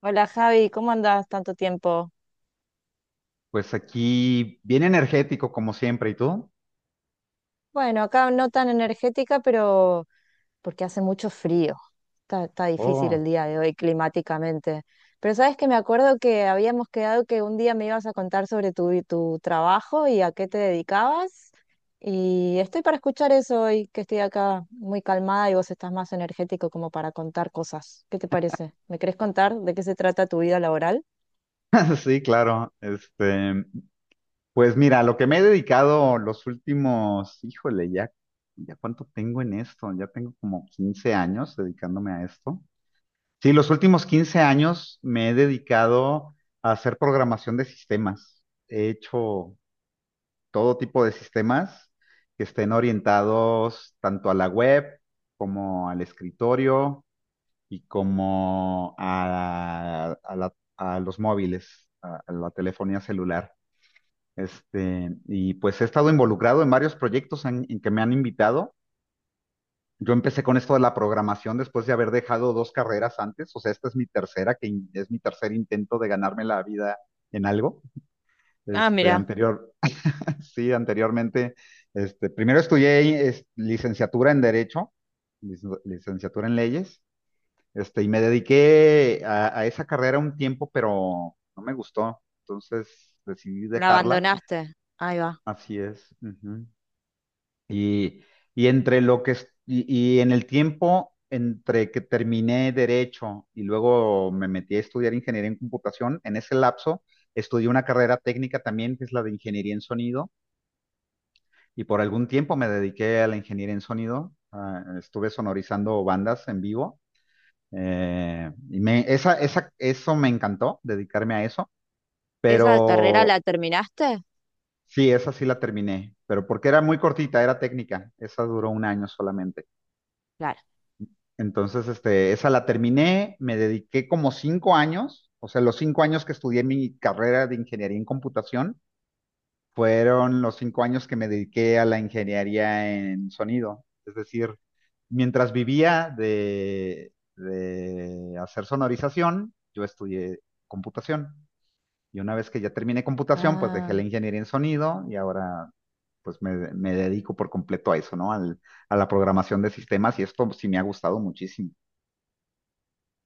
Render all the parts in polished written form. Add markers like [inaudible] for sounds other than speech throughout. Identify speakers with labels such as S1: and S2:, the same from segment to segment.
S1: Hola Javi, ¿cómo andás tanto tiempo?
S2: Pues aquí, bien energético como siempre, ¿y tú?
S1: Bueno, acá no tan energética, pero porque hace mucho frío. Está difícil el
S2: Oh,
S1: día de hoy climáticamente. Pero sabes que me acuerdo que habíamos quedado que un día me ibas a contar sobre tu trabajo y a qué te dedicabas. Y estoy para escuchar eso hoy, que estoy acá muy calmada y vos estás más energético como para contar cosas. ¿Qué te parece? ¿Me querés contar de qué se trata tu vida laboral?
S2: [laughs] sí, claro. Pues mira, lo que me he dedicado los últimos, híjole, ya cuánto tengo en esto, ya tengo como 15 años dedicándome a esto. Sí, los últimos 15 años me he dedicado a hacer programación de sistemas. He hecho todo tipo de sistemas que estén orientados tanto a la web como al escritorio y como a los móviles, a la telefonía celular. Y pues he estado involucrado en varios proyectos en que me han invitado. Yo empecé con esto de la programación después de haber dejado dos carreras antes, o sea, esta es mi tercera, es mi tercer intento de ganarme la vida en algo.
S1: Ah,
S2: Este,
S1: mira,
S2: anterior, [laughs] sí, anteriormente, primero estudié licenciatura en Derecho, licenciatura en Leyes. Y me dediqué a esa carrera un tiempo, pero no me gustó. Entonces decidí
S1: la
S2: dejarla.
S1: abandonaste. Ahí va.
S2: Así es. Ujú. Y, y entre lo que es- y, y en el tiempo entre que terminé derecho y luego me metí a estudiar ingeniería en computación, en ese lapso estudié una carrera técnica también, que es la de ingeniería en sonido, y por algún tiempo me dediqué a la ingeniería en sonido. Ah, estuve sonorizando bandas en vivo. Eso me encantó, dedicarme a eso,
S1: ¿Esa carrera
S2: pero
S1: la terminaste?
S2: sí, esa sí la terminé, pero porque era muy cortita, era técnica, esa duró un año solamente.
S1: Claro.
S2: Entonces, esa la terminé, me dediqué como 5 años, o sea, los 5 años que estudié mi carrera de ingeniería en computación fueron los 5 años que me dediqué a la ingeniería en sonido. Es decir, mientras vivía de hacer sonorización, yo estudié computación. Y una vez que ya terminé computación, pues dejé
S1: Ah,
S2: la ingeniería en sonido y ahora pues me dedico por completo a eso, ¿no? A la programación de sistemas y esto sí me ha gustado muchísimo.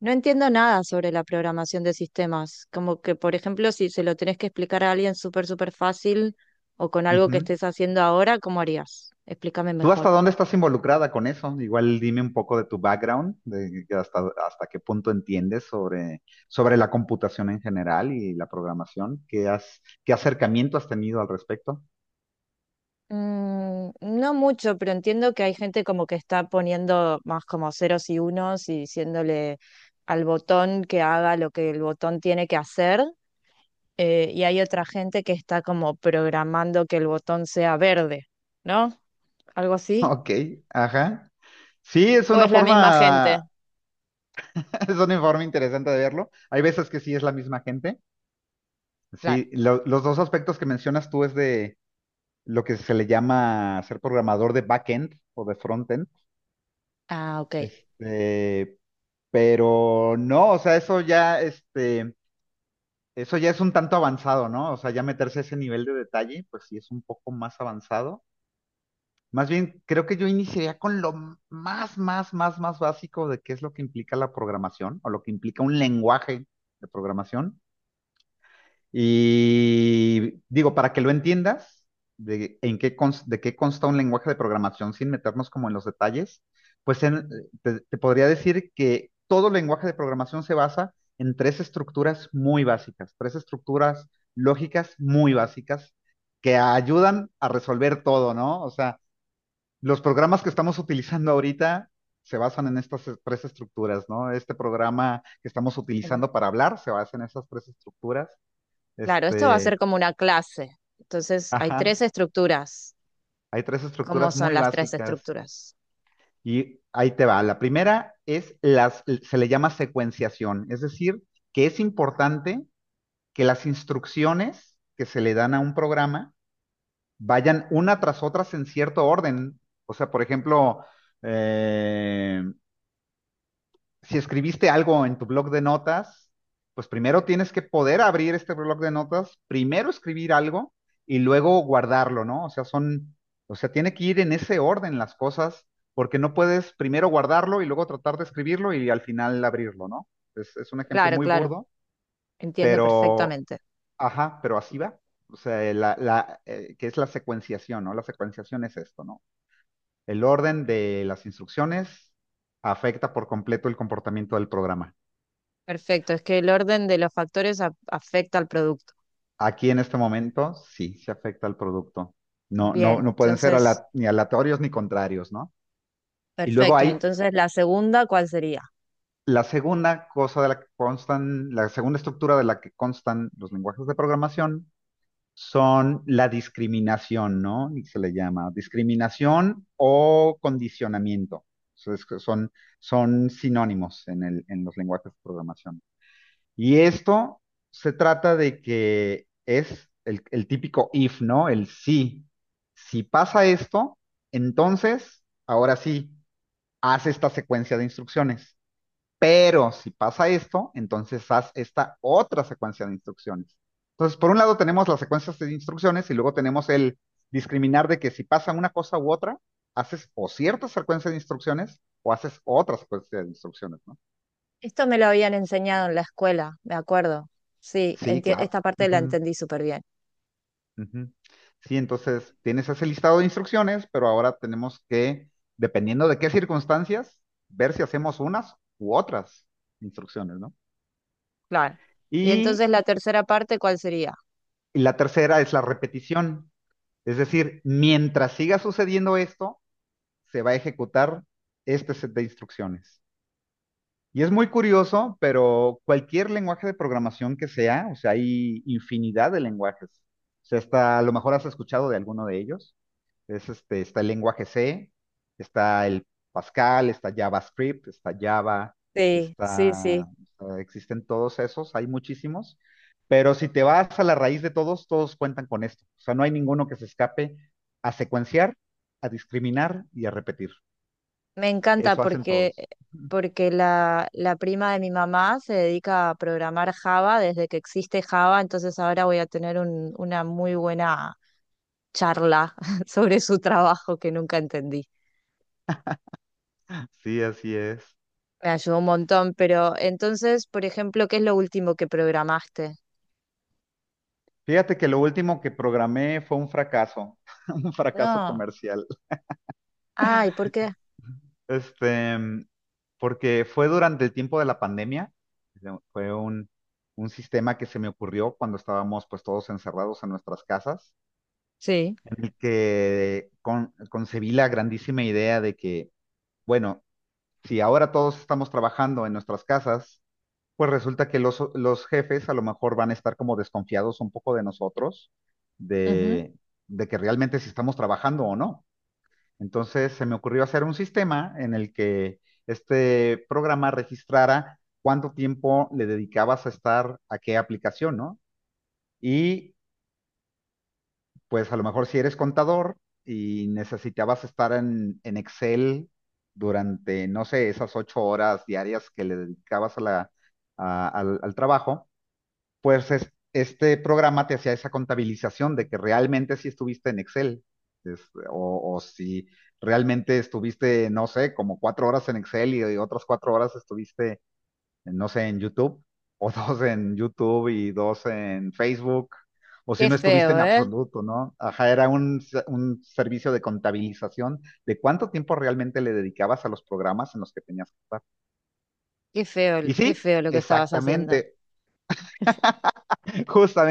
S1: no entiendo nada sobre la programación de sistemas. Como que, por ejemplo, si se lo tenés que explicar a alguien súper, súper fácil o con algo que
S2: Ujú.
S1: estés haciendo ahora, ¿cómo harías? Explícame
S2: ¿Tú
S1: mejor.
S2: hasta dónde estás involucrada con eso? Igual dime un poco de tu background, de que hasta qué punto entiendes sobre la computación en general y la programación. ¿Qué acercamiento has tenido al respecto? [laughs]
S1: No mucho, pero entiendo que hay gente como que está poniendo más como ceros y unos y diciéndole al botón que haga lo que el botón tiene que hacer, y hay otra gente que está como programando que el botón sea verde, ¿no? ¿Algo así?
S2: Ok, ajá. Sí,
S1: ¿O es la misma gente?
S2: [laughs] es una forma interesante de verlo. Hay veces que sí es la misma gente.
S1: Claro.
S2: Sí, los dos aspectos que mencionas tú es de lo que se le llama ser programador de backend o de frontend.
S1: Ah, ok.
S2: Este, pero no, o sea, eso ya es un tanto avanzado, ¿no? O sea, ya meterse a ese nivel de detalle, pues sí es un poco más avanzado. Más bien, creo que yo iniciaría con lo más, más, más, más básico de qué es lo que implica la programación o lo que implica un lenguaje de programación. Y digo, para que lo entiendas, de qué consta un lenguaje de programación sin meternos como en los detalles, pues te podría decir que todo lenguaje de programación se basa en tres estructuras muy básicas, tres estructuras lógicas muy básicas que ayudan a resolver todo, ¿no? O sea, los programas que estamos utilizando ahorita se basan en estas tres estructuras, ¿no? Este programa que estamos
S1: El-
S2: utilizando para hablar se basa en esas tres estructuras.
S1: Claro, esto va a ser
S2: Este,
S1: como una clase. Entonces, hay tres
S2: ajá,
S1: estructuras.
S2: hay tres
S1: ¿Cómo
S2: estructuras
S1: son
S2: muy
S1: las tres
S2: básicas
S1: estructuras?
S2: y ahí te va. La primera se le llama secuenciación, es decir, que es importante que las instrucciones que se le dan a un programa vayan una tras otras en cierto orden. O sea, por ejemplo, eh, si escribiste algo en tu blog de notas, pues primero tienes que poder abrir este blog de notas, primero escribir algo y luego guardarlo, ¿no? O sea, o sea, tiene que ir en ese orden las cosas, porque no puedes primero guardarlo y luego tratar de escribirlo y al final abrirlo, ¿no? Es un ejemplo
S1: Claro,
S2: muy
S1: claro,
S2: burdo,
S1: entiendo
S2: pero,
S1: perfectamente.
S2: ajá, pero así va. O sea, que es la secuenciación, ¿no? La secuenciación es esto, ¿no? El orden de las instrucciones afecta por completo el comportamiento del programa.
S1: Perfecto, es que el orden de los factores afecta al producto.
S2: Aquí en este momento sí se afecta al producto. No, no,
S1: Bien,
S2: no pueden ser
S1: entonces,
S2: ni aleatorios ni contrarios, ¿no? Y luego
S1: perfecto.
S2: hay
S1: Entonces, la segunda, ¿cuál sería?
S2: la segunda cosa de la que constan, la segunda estructura de la que constan los lenguajes de programación son la discriminación, ¿no? Y se le llama discriminación o condicionamiento. Entonces, que son sinónimos en los lenguajes de programación. Y esto se trata de que es el típico if, ¿no? El sí. Si pasa esto, entonces, ahora sí, haz esta secuencia de instrucciones. Pero si pasa esto, entonces haz esta otra secuencia de instrucciones. Entonces, por un lado tenemos las secuencias de instrucciones y luego tenemos el discriminar de que si pasa una cosa u otra, haces o cierta secuencia de instrucciones o haces otra secuencia de instrucciones, ¿no?
S1: Esto me lo habían enseñado en la escuela, me acuerdo. Sí,
S2: Sí, claro.
S1: esta parte la
S2: Ujú.
S1: entendí súper bien.
S2: Ujú. Sí, entonces tienes ese listado de instrucciones, pero ahora tenemos que, dependiendo de qué circunstancias, ver si hacemos unas u otras instrucciones, ¿no?
S1: Claro. Y
S2: Y
S1: entonces la tercera parte, ¿cuál sería?
S2: la tercera es la repetición. Es decir, mientras siga sucediendo esto, se va a ejecutar este set de instrucciones. Y es muy curioso, pero cualquier lenguaje de programación que sea, o sea, hay infinidad de lenguajes. O sea, hasta a lo mejor has escuchado de alguno de ellos. Está el lenguaje C, está el Pascal, está JavaScript, está Java,
S1: Sí, sí, sí.
S2: existen todos esos, hay muchísimos, pero si te vas a la raíz de todos, todos cuentan con esto. O sea, no hay ninguno que se escape a secuenciar, a discriminar y a repetir.
S1: Me encanta
S2: Eso hacen
S1: porque,
S2: todos.
S1: porque la prima de mi mamá se dedica a programar Java desde que existe Java, entonces ahora voy a tener una muy buena charla [laughs] sobre su trabajo que nunca entendí.
S2: Sí, así es.
S1: Me ayudó un montón, pero entonces, por ejemplo, ¿qué es lo último que programaste?
S2: Fíjate que lo último que programé fue un fracaso, [laughs] un fracaso
S1: No.
S2: comercial.
S1: Ay, ¿por qué?
S2: Este, mm, Porque fue durante el tiempo de la pandemia, fue un sistema que se me ocurrió cuando estábamos pues todos encerrados en nuestras casas,
S1: Sí.
S2: en el que concebí la grandísima idea de que, bueno, si ahora todos estamos trabajando en nuestras casas, pues resulta que los jefes a lo mejor van a estar como desconfiados un poco de nosotros,
S1: Ujú.
S2: de, de que realmente si estamos trabajando o no. Entonces se me ocurrió hacer un sistema en el que este programa registrara cuánto tiempo le dedicabas a estar a qué aplicación, ¿no? Y pues a lo mejor si eres contador y necesitabas estar en Excel durante, no sé, esas 8 horas diarias que le dedicabas a la- a- al al trabajo, pues este programa te hacía esa contabilización de que realmente si estuviste en Excel, es- o si realmente estuviste, no sé, como 4 horas en Excel y otras 4 horas estuviste, no sé, en YouTube, o [laughs] dos en YouTube y dos en Facebook, o si
S1: Qué
S2: no estuviste
S1: feo,
S2: en
S1: ¿eh?
S2: absoluto, ¿no? Ajá, era un servicio de contabilización de cuánto tiempo realmente le dedicabas a los programas en los que tenías que estar. Y
S1: Qué
S2: sí,
S1: feo lo que estabas haciendo.
S2: exactamente.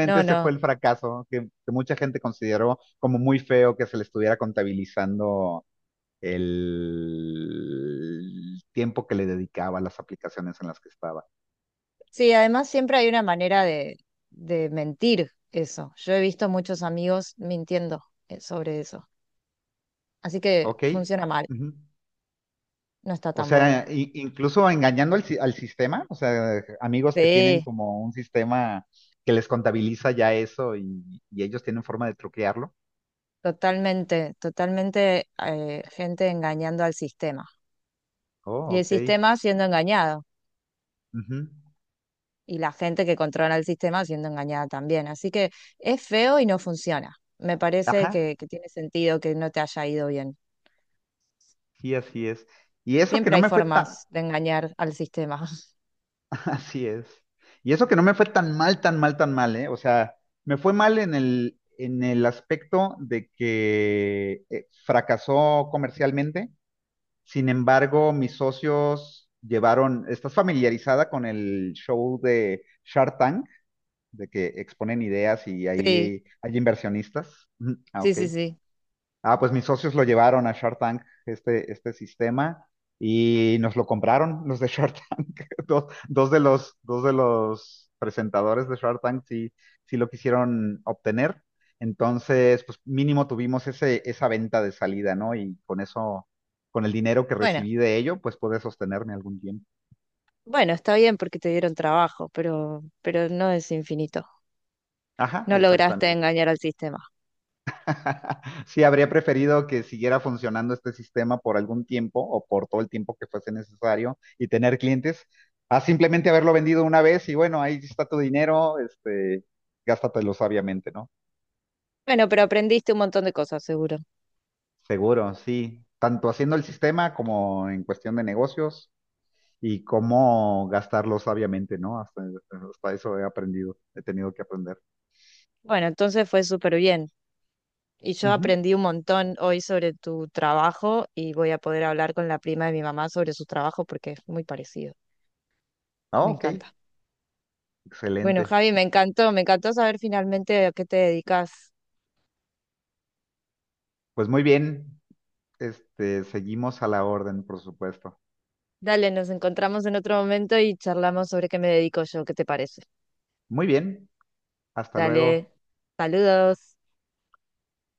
S1: No,
S2: ese fue
S1: no.
S2: el fracaso que mucha gente consideró como muy feo que se le estuviera contabilizando el tiempo que le dedicaba a las aplicaciones en las que estaba.
S1: Sí, además siempre hay una manera de mentir eso. Yo he visto muchos amigos mintiendo, sobre eso. Así que
S2: Ok.
S1: funciona mal,
S2: Ujú.
S1: no está
S2: O
S1: tan
S2: sea,
S1: bueno.
S2: incluso engañando al, si- al sistema, o sea, amigos que tienen
S1: Sí,
S2: como un sistema que les contabiliza ya eso y ellos tienen forma de truquearlo.
S1: totalmente, totalmente, gente engañando al sistema.
S2: Oh,
S1: Y el
S2: ok.
S1: sistema siendo engañado.
S2: Ujú.
S1: Y la gente que controla el sistema siendo engañada también. Así que es feo y no funciona. Me parece
S2: Ajá,
S1: que tiene sentido que no te haya ido bien.
S2: sí, así es. Y eso que
S1: Siempre
S2: no
S1: hay
S2: me fue tan.
S1: formas de engañar al sistema. [laughs]
S2: Así es. Y eso que no me fue tan mal, tan mal, tan mal, ¿eh? O sea, me fue mal en el aspecto de que fracasó comercialmente. Sin embargo, mis socios llevaron, ¿estás familiarizada con el show de Shark Tank? De que exponen ideas y
S1: Sí,
S2: ahí hay inversionistas. Ujú. Ah,
S1: sí,
S2: ok.
S1: sí, sí.
S2: Ah, pues mis socios lo llevaron a Shark Tank, este sistema, y nos lo compraron los de Shark Tank. [laughs] Dos de los presentadores de Shark Tank sí, sí lo quisieron obtener. Entonces, pues mínimo tuvimos esa venta de salida, ¿no? Y con eso, con el dinero que
S1: Bueno,
S2: recibí de ello, pues pude sostenerme algún tiempo.
S1: bueno, está bien porque te dieron trabajo, pero no es infinito.
S2: Ajá,
S1: No lograste
S2: exactamente.
S1: engañar al sistema.
S2: [laughs] Sí, habría preferido que siguiera funcionando este sistema por algún tiempo o por todo el tiempo que fuese necesario y tener clientes, a simplemente haberlo vendido una vez y bueno, ahí está tu dinero, gástatelo sabiamente, ¿no?
S1: Bueno, pero aprendiste un montón de cosas, seguro.
S2: Seguro, sí, tanto haciendo el sistema como en cuestión de negocios y cómo gastarlo sabiamente, ¿no? Hasta eso he aprendido, he tenido que aprender.
S1: Bueno, entonces fue súper bien. Y yo
S2: Ujú.
S1: aprendí un montón hoy sobre tu trabajo y voy a poder hablar con la prima de mi mamá sobre su trabajo porque es muy parecido.
S2: Ah,
S1: Me
S2: ok,
S1: encanta. Bueno,
S2: excelente.
S1: Javi, me encantó saber finalmente a qué te dedicas.
S2: Pues muy bien, seguimos a la orden, por supuesto.
S1: Dale, nos encontramos en otro momento y charlamos sobre qué me dedico yo, ¿qué te parece?
S2: Muy bien, hasta luego.
S1: Dale, saludos.